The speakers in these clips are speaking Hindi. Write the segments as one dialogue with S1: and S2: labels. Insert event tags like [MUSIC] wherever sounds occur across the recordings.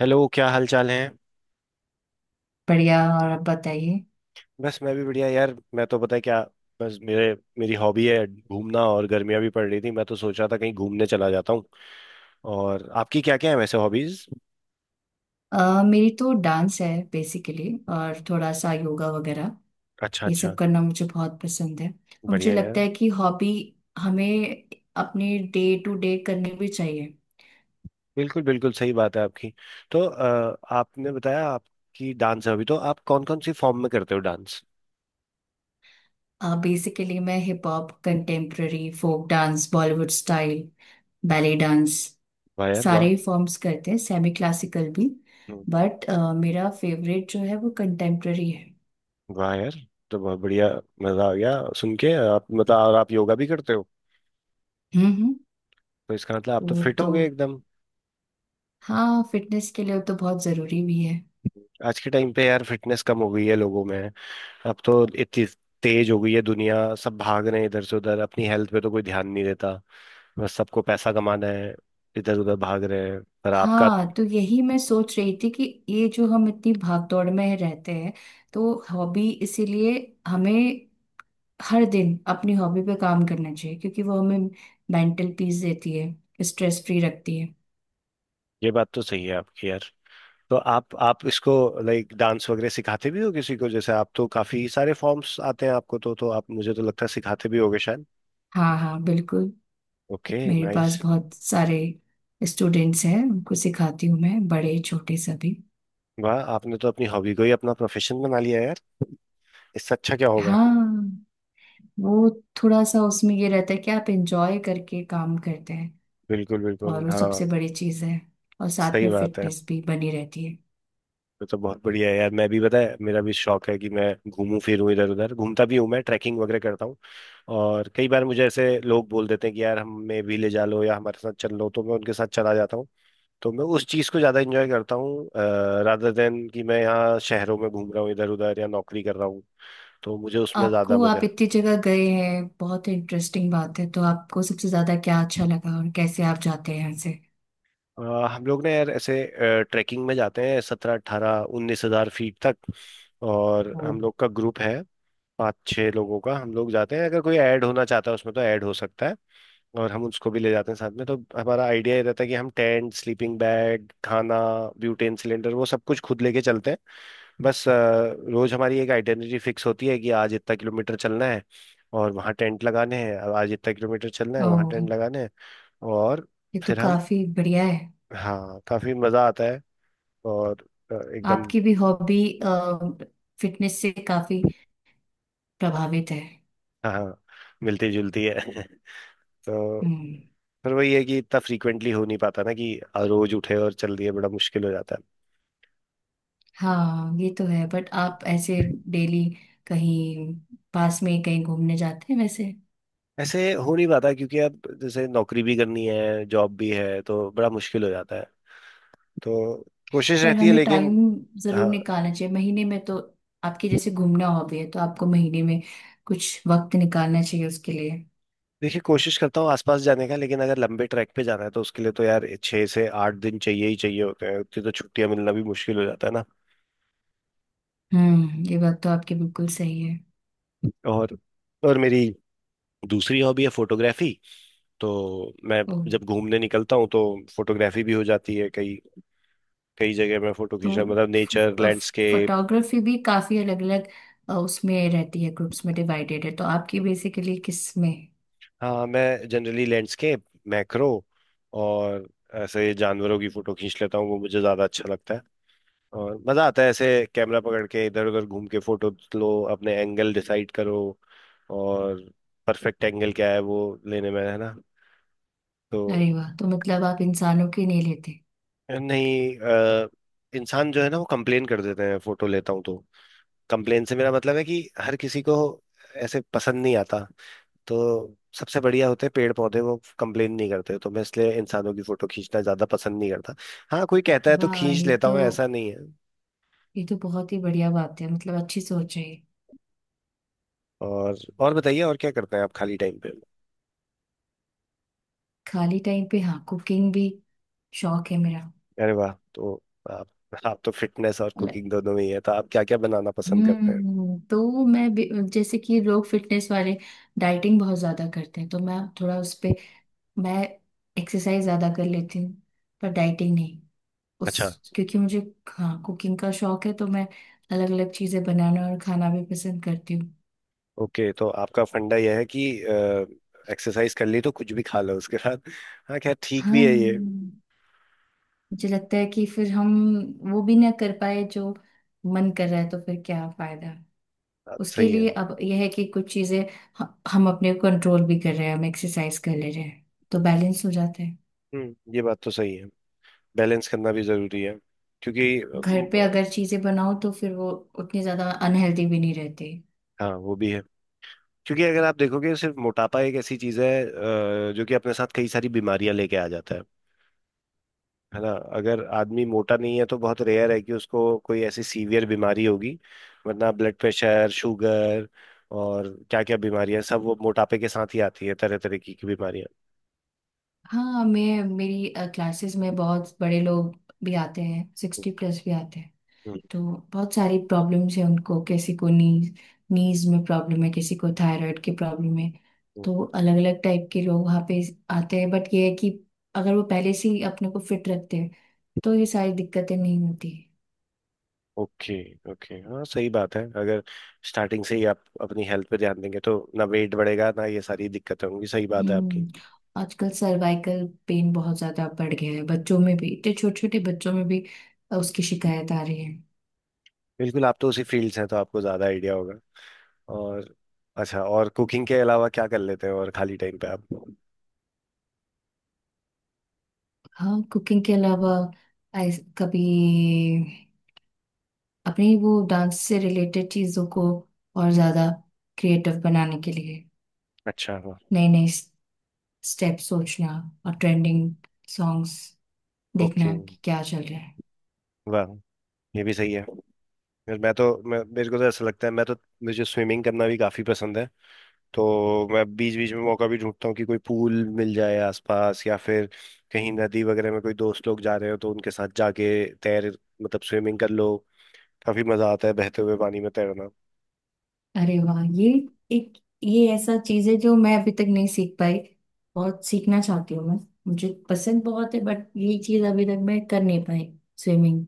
S1: हेलो, क्या हाल चाल है।
S2: बढ़िया। और आप बताइए।
S1: बस मैं भी बढ़िया यार। मैं तो पता है क्या, बस मेरे मेरी हॉबी है घूमना, और गर्मियाँ भी पड़ रही थी, मैं तो सोच रहा था कहीं घूमने चला जाता हूँ। और आपकी क्या क्या है वैसे हॉबीज?
S2: मेरी तो डांस है बेसिकली। और थोड़ा सा योगा वगैरह।
S1: अच्छा
S2: ये सब
S1: अच्छा।
S2: करना मुझे बहुत पसंद है और मुझे
S1: बढ़िया
S2: लगता
S1: यार।
S2: है कि हॉबी हमें अपने डे टू डे करनी भी चाहिए।
S1: बिल्कुल बिल्कुल, सही बात है आपकी। तो आपने बताया आपकी डांस है, अभी तो आप कौन कौन सी फॉर्म में करते हो डांस?
S2: बेसिकली मैं hip hop, contemporary, folk dance, Bollywood style, ballet dance,
S1: वाह यार
S2: सारे
S1: वाह।
S2: ही फॉर्म्स करते हैं। सेमी क्लासिकल भी,
S1: हम्म।
S2: बट मेरा फेवरेट जो है वो कंटेम्प्ररी है।
S1: वाह यार। तो बहुत बढ़िया, मजा आ गया सुन के आप, मतलब, और आप योगा भी करते हो?
S2: हम्म, हम्म।
S1: तो इसका मतलब आप तो
S2: वो
S1: फिट हो
S2: तो,
S1: गए एकदम।
S2: हाँ फिटनेस के लिए वो तो बहुत ज़रूरी भी है।
S1: आज के टाइम पे यार फिटनेस कम हो गई है लोगों में। अब तो इतनी तेज हो गई है दुनिया, सब भाग रहे हैं इधर से उधर, अपनी हेल्थ पे तो कोई ध्यान नहीं देता, बस सबको पैसा कमाना है, इधर उधर भाग रहे हैं। पर आपका,
S2: हाँ, तो यही मैं सोच रही थी कि ये जो हम इतनी भागदौड़ में रहते हैं, तो हॉबी इसीलिए हमें हर दिन अपनी हॉबी पे काम करना चाहिए, क्योंकि वो हमें मेंटल पीस देती है, स्ट्रेस फ्री रखती है।
S1: ये बात तो सही है आपकी यार। तो आप इसको, लाइक, डांस वगैरह सिखाते भी हो किसी को? जैसे आप तो काफी सारे फॉर्म्स आते हैं आपको, तो आप मुझे तो लगता है सिखाते भी होगे शायद।
S2: हाँ, हाँ, बिल्कुल।
S1: ओके,
S2: मेरे पास
S1: नाइस।
S2: बहुत सारे स्टूडेंट्स हैं, उनको सिखाती हूँ मैं, बड़े छोटे सभी।
S1: वाह, आपने तो अपनी हॉबी को ही अपना प्रोफेशन बना लिया यार, इससे अच्छा क्या होगा।
S2: हाँ, वो थोड़ा सा उसमें ये रहता है कि आप एंजॉय करके काम करते हैं,
S1: बिल्कुल बिल्कुल,
S2: और वो
S1: हाँ।
S2: सबसे बड़ी चीज़ है। और साथ
S1: सही
S2: में
S1: बात है।
S2: फिटनेस भी बनी रहती है।
S1: तो बहुत बढ़िया है यार। मैं भी, पता है, मेरा भी शौक है कि मैं घूमूं फिरूं इधर उधर, घूमता भी हूं मैं, ट्रैकिंग वगैरह करता हूँ। और कई बार मुझे ऐसे लोग बोल देते हैं कि यार हमें भी ले जा लो या हमारे साथ चल लो, तो मैं उनके साथ चला जाता हूँ। तो मैं उस चीज़ को ज़्यादा इंजॉय करता हूँ, रादर देन कि मैं यहाँ शहरों में घूम रहा हूँ इधर उधर या नौकरी कर रहा हूँ। तो मुझे उसमें
S2: आपको,
S1: ज़्यादा मज़ा
S2: आप
S1: है।
S2: इतनी जगह गए हैं, बहुत इंटरेस्टिंग बात है। तो आपको सबसे ज्यादा क्या अच्छा लगा, और कैसे आप जाते हैं यहाँ से?
S1: हम लोग ना यार, ऐसे ट्रैकिंग में जाते हैं 17, 18, 19 हज़ार फीट तक। और हम
S2: हम्म।
S1: लोग का ग्रुप है पाँच छः लोगों का, हम लोग जाते हैं। अगर कोई ऐड होना चाहता है उसमें तो ऐड हो सकता है, और हम उसको भी ले जाते हैं साथ में। तो हमारा आइडिया ये रहता है कि हम टेंट, स्लीपिंग बैग, खाना, ब्यूटेन सिलेंडर, वो सब कुछ खुद लेके चलते हैं। बस रोज हमारी एक आइडेंटिटी फिक्स होती है कि आज इतना किलोमीटर चलना है और वहाँ टेंट लगाने हैं। अब आज इतना किलोमीटर चलना है, वहाँ
S2: ओह,
S1: टेंट लगाने हैं। और
S2: ये तो
S1: फिर हम,
S2: काफी बढ़िया है।
S1: हाँ काफी मजा आता है। और एकदम,
S2: आपकी भी हॉबी फिटनेस से काफी प्रभावित है।
S1: हाँ, मिलती जुलती है [LAUGHS] तो
S2: हम्म।
S1: पर वही है कि इतना फ्रीक्वेंटली हो नहीं पाता ना, कि रोज उठे और चल दिए, बड़ा मुश्किल हो जाता है।
S2: हाँ ये तो है, बट आप ऐसे डेली कहीं, पास में कहीं घूमने जाते हैं वैसे?
S1: ऐसे हो नहीं पाता क्योंकि अब जैसे नौकरी भी करनी है, जॉब भी है, तो बड़ा मुश्किल हो जाता है, तो कोशिश
S2: पर
S1: रहती है
S2: हमें टाइम
S1: लेकिन।
S2: जरूर
S1: हाँ।
S2: निकालना चाहिए महीने में तो। आपकी जैसे घूमना हॉबी है, तो आपको महीने में कुछ वक्त निकालना चाहिए उसके लिए।
S1: देखिए, कोशिश करता हूँ आसपास जाने का, लेकिन अगर लंबे ट्रैक पे जाना है तो उसके लिए तो यार 6 से 8 दिन चाहिए ही चाहिए होते हैं, उतनी तो छुट्टियां मिलना भी मुश्किल हो जाता है ना।
S2: हम्म, ये बात तो आपकी बिल्कुल सही है।
S1: और मेरी दूसरी हॉबी है फोटोग्राफी, तो मैं
S2: ओ,
S1: जब घूमने निकलता हूँ तो फोटोग्राफी भी हो जाती है। कई कई जगह मैं फोटो
S2: तो
S1: खींच रहा, मतलब नेचर, लैंडस्केप।
S2: फोटोग्राफी भी काफी अलग अलग उसमें रहती है, ग्रुप्स में डिवाइडेड है, तो आपकी बेसिकली किस में?
S1: हाँ, मैं जनरली लैंडस्केप, मैक्रो, और ऐसे जानवरों की फोटो खींच लेता हूँ, वो मुझे ज्यादा अच्छा लगता है। और मजा आता है ऐसे कैमरा पकड़ के इधर उधर घूम के, फोटो लो, अपने एंगल डिसाइड करो, और परफेक्ट एंगल क्या है वो लेने में, है ना? तो
S2: अरे वाह, तो मतलब आप इंसानों की नहीं लेते?
S1: नहीं, इंसान जो है ना, वो कंप्लेन कर देते हैं फोटो लेता हूँ तो। कंप्लेन से मेरा मतलब है कि हर किसी को ऐसे पसंद नहीं आता। तो सबसे बढ़िया होते हैं पेड़ पौधे, वो कंप्लेन नहीं करते। तो मैं इसलिए इंसानों की फोटो खींचना ज्यादा पसंद नहीं करता। हाँ, कोई कहता है तो
S2: वाह,
S1: खींच
S2: ये
S1: लेता
S2: तो,
S1: हूँ, ऐसा नहीं है।
S2: ये तो बहुत ही बढ़िया बात है, मतलब अच्छी सोच है ये।
S1: और बताइए, और क्या करते हैं आप खाली टाइम पे?
S2: खाली टाइम पे, हाँ, कुकिंग भी शौक है मेरा।
S1: अरे वाह! तो आप आप तो फिटनेस और
S2: मतलब,
S1: कुकिंग दोनों में ही है, तो आप क्या क्या बनाना पसंद करते हैं?
S2: हम्म, तो मैं जैसे कि लोग फिटनेस वाले डाइटिंग बहुत ज्यादा करते हैं, तो मैं थोड़ा उस पे, मैं एक्सरसाइज ज्यादा कर लेती हूँ, पर डाइटिंग नहीं,
S1: अच्छा।
S2: उस क्योंकि मुझे। हाँ, कुकिंग का शौक है तो मैं अलग अलग चीजें बनाना और खाना भी पसंद करती हूँ।
S1: ओके, तो आपका फंडा यह है कि एक्सरसाइज कर ली तो कुछ भी खा लो उसके साथ। हाँ, खैर ठीक भी है ये।
S2: हाँ, मुझे लगता है कि फिर हम वो भी ना कर पाए जो मन कर रहा है, तो फिर क्या फायदा।
S1: बात
S2: उसके
S1: सही है।
S2: लिए अब यह है कि कुछ चीजें ह- हम अपने कंट्रोल भी कर रहे हैं, हम एक्सरसाइज कर ले रहे हैं, तो बैलेंस हो जाता है।
S1: हम्म, ये बात तो सही है, बैलेंस करना भी जरूरी है क्योंकि,
S2: घर पे अगर चीजें बनाओ, तो फिर वो उतनी ज्यादा अनहेल्दी भी नहीं रहती।
S1: हाँ वो भी है। क्योंकि अगर आप देखोगे, सिर्फ मोटापा एक ऐसी चीज है जो कि अपने साथ कई सारी बीमारियां लेके आ जाता है ना? अगर आदमी मोटा नहीं है तो बहुत रेयर है कि उसको कोई ऐसी सीवियर बीमारी होगी, वरना ब्लड प्रेशर, शुगर और क्या क्या बीमारियां, सब वो मोटापे के साथ ही आती है, तरह तरह की बीमारियां।
S2: हाँ, मैं, मेरी क्लासेस में बहुत बड़े लोग भी आते हैं,
S1: हम्म।
S2: 60+ भी आते हैं।
S1: हम्म।
S2: तो बहुत सारी प्रॉब्लम्स हैं उनको। किसी को नीज नीज में प्रॉब्लम है, किसी को थायराइड की प्रॉब्लम है।
S1: हम्म।
S2: तो अलग अलग टाइप के लोग वहाँ पे आते हैं, बट ये है कि अगर वो पहले से ही अपने को फिट रखते हैं, तो ये सारी दिक्कतें नहीं होती।
S1: ओके ओके, हाँ सही बात है। अगर स्टार्टिंग से ही आप अपनी हेल्थ पे ध्यान देंगे तो ना वेट बढ़ेगा, ना ये सारी दिक्कतें होंगी। सही बात है आपकी।
S2: हम्म। आजकल सर्वाइकल पेन बहुत ज्यादा बढ़ गया है, बच्चों में भी, इतने छोटे छोटे बच्चों में भी उसकी शिकायत आ रही है।
S1: बिल्कुल, आप तो उसी फील्ड से हैं तो आपको ज्यादा आइडिया होगा। और अच्छा, और कुकिंग के अलावा क्या कर लेते हो और खाली टाइम पे आप?
S2: हाँ, कुकिंग के अलावा कभी अपनी वो डांस से रिलेटेड चीजों को और ज्यादा क्रिएटिव बनाने के लिए
S1: अच्छा वाह।
S2: नए नए स्टेप सोचना, और ट्रेंडिंग सॉन्ग्स
S1: ओके
S2: देखना कि क्या चल रहा है।
S1: वाह, ये भी सही है। फिर मैं तो, मैं मेरे को तो ऐसा लगता है, मैं तो मुझे स्विमिंग करना भी काफ़ी पसंद है। तो मैं बीच बीच में मौका भी ढूंढता हूँ कि कोई पूल मिल जाए आसपास, या फिर कहीं नदी वगैरह में कोई दोस्त लोग जा रहे हो तो उनके साथ जाके तैर, मतलब स्विमिंग कर लो। काफ़ी मज़ा आता है बहते हुए पानी में तैरना।
S2: अरे वाह, ये एक, ये ऐसा चीज है जो मैं अभी तक नहीं सीख पाई, बहुत सीखना चाहती हूँ मैं, मुझे पसंद बहुत है, बट ये चीज अभी तक मैं कर नहीं पाई, स्विमिंग।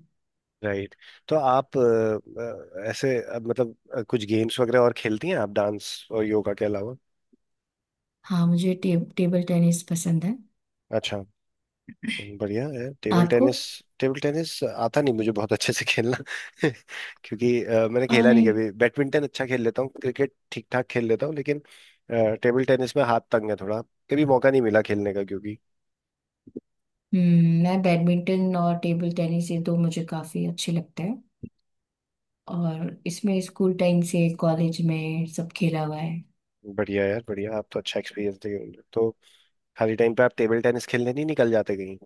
S1: राइट। तो आप ऐसे, मतलब, कुछ गेम्स वगैरह और खेलती हैं आप डांस और योगा के अलावा?
S2: हाँ, मुझे टेबल टेनिस पसंद है।
S1: अच्छा, बढ़िया है टेबल
S2: आपको?
S1: टेनिस। टेबल टेनिस आता नहीं मुझे बहुत अच्छे से खेलना [LAUGHS] क्योंकि मैंने खेला
S2: अरे,
S1: नहीं कभी। बैडमिंटन अच्छा खेल लेता हूँ, क्रिकेट ठीक ठाक खेल लेता हूँ, लेकिन टेबल टेनिस में हाथ तंग है थोड़ा, कभी मौका नहीं मिला खेलने का क्योंकि।
S2: मैं बैडमिंटन और टेबल टेनिस, ये दो मुझे काफी अच्छे लगते हैं, और इसमें स्कूल टाइम से कॉलेज में सब खेला हुआ है।
S1: बढ़िया यार बढ़िया, आप तो अच्छा एक्सपीरियंस दे रहे हो। तो खाली टाइम पे आप टेबल टेनिस खेलने नहीं निकल जाते कहीं?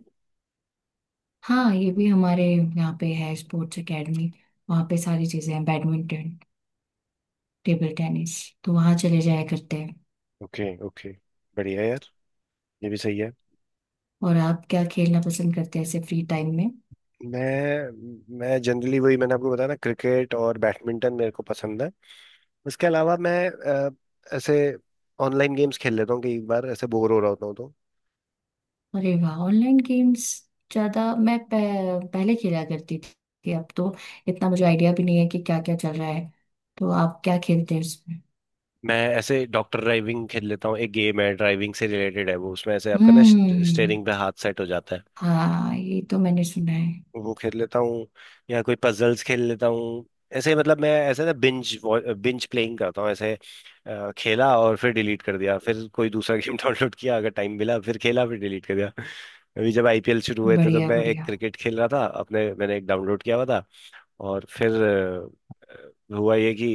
S2: हाँ, ये भी हमारे यहाँ पे है, स्पोर्ट्स एकेडमी, वहाँ पे सारी चीजें हैं, बैडमिंटन, टेबल टेनिस, तो वहाँ चले जाया करते हैं।
S1: ओके ओके, बढ़िया यार, ये भी सही है।
S2: और आप क्या खेलना पसंद करते हैं ऐसे फ्री टाइम में?
S1: मैं जनरली वही, मैंने आपको बताया ना, क्रिकेट और बैडमिंटन मेरे को पसंद है। इसके अलावा मैं ऐसे ऑनलाइन गेम्स खेल लेता हूँ कई बार, ऐसे बोर हो रहा होता हूँ तो।
S2: अरे वाह, ऑनलाइन गेम्स ज्यादा मैं पहले खेला करती थी, अब तो इतना मुझे आइडिया भी नहीं है कि क्या क्या चल रहा है। तो आप क्या खेलते हैं उसमें?
S1: मैं ऐसे डॉक्टर ड्राइविंग खेल लेता हूँ, एक गेम है ड्राइविंग से रिलेटेड है वो, उसमें ऐसे आपका ना स्टेयरिंग पे
S2: हम्म।
S1: हाथ सेट हो जाता है,
S2: हाँ, ये तो मैंने सुना है।
S1: वो खेल लेता हूँ। या कोई पजल्स खेल लेता हूँ। ऐसे मतलब मैं ऐसे ना बिंज बिंज प्लेइंग करता हूँ ऐसे, खेला और फिर डिलीट कर दिया, फिर कोई दूसरा गेम डाउनलोड [LAUGHS] किया, अगर टाइम मिला फिर खेला, फिर डिलीट कर दिया। अभी जब आईपीएल शुरू हुए थे तब
S2: बढ़िया,
S1: मैं एक
S2: बढ़िया।
S1: क्रिकेट खेल रहा था, अपने मैंने एक डाउनलोड किया हुआ था। और फिर हुआ ये कि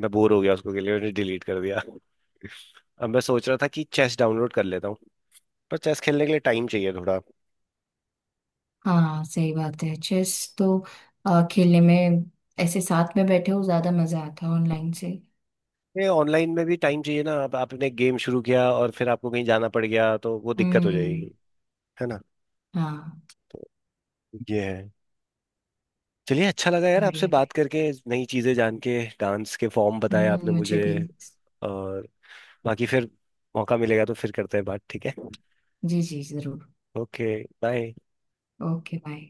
S1: मैं बोर हो गया उसको, के लिए मैंने डिलीट कर दिया। अब मैं सोच रहा था कि चेस डाउनलोड कर लेता हूँ, पर चेस खेलने के लिए टाइम चाहिए थोड़ा।
S2: हाँ, सही बात है, चेस तो खेलने में ऐसे साथ में बैठे हो ज्यादा मजा आता है ऑनलाइन से।
S1: ये ऑनलाइन में भी टाइम चाहिए ना, अब आपने गेम शुरू किया और फिर आपको कहीं जाना पड़ गया तो वो दिक्कत हो जाएगी,
S2: हम्म।
S1: है ना?
S2: हाँ।
S1: तो ये है। चलिए, अच्छा लगा यार आपसे
S2: बढ़िया,
S1: बात
S2: बढ़िया।
S1: करके, नई चीजें जान के, डांस के फॉर्म बताए
S2: हम्म,
S1: आपने
S2: मुझे
S1: मुझे।
S2: भी।
S1: और बाकी, फिर मौका मिलेगा तो फिर करते हैं बात, ठीक है?
S2: जी, जी, जरूर।
S1: Okay, bye.
S2: ओके। बाय।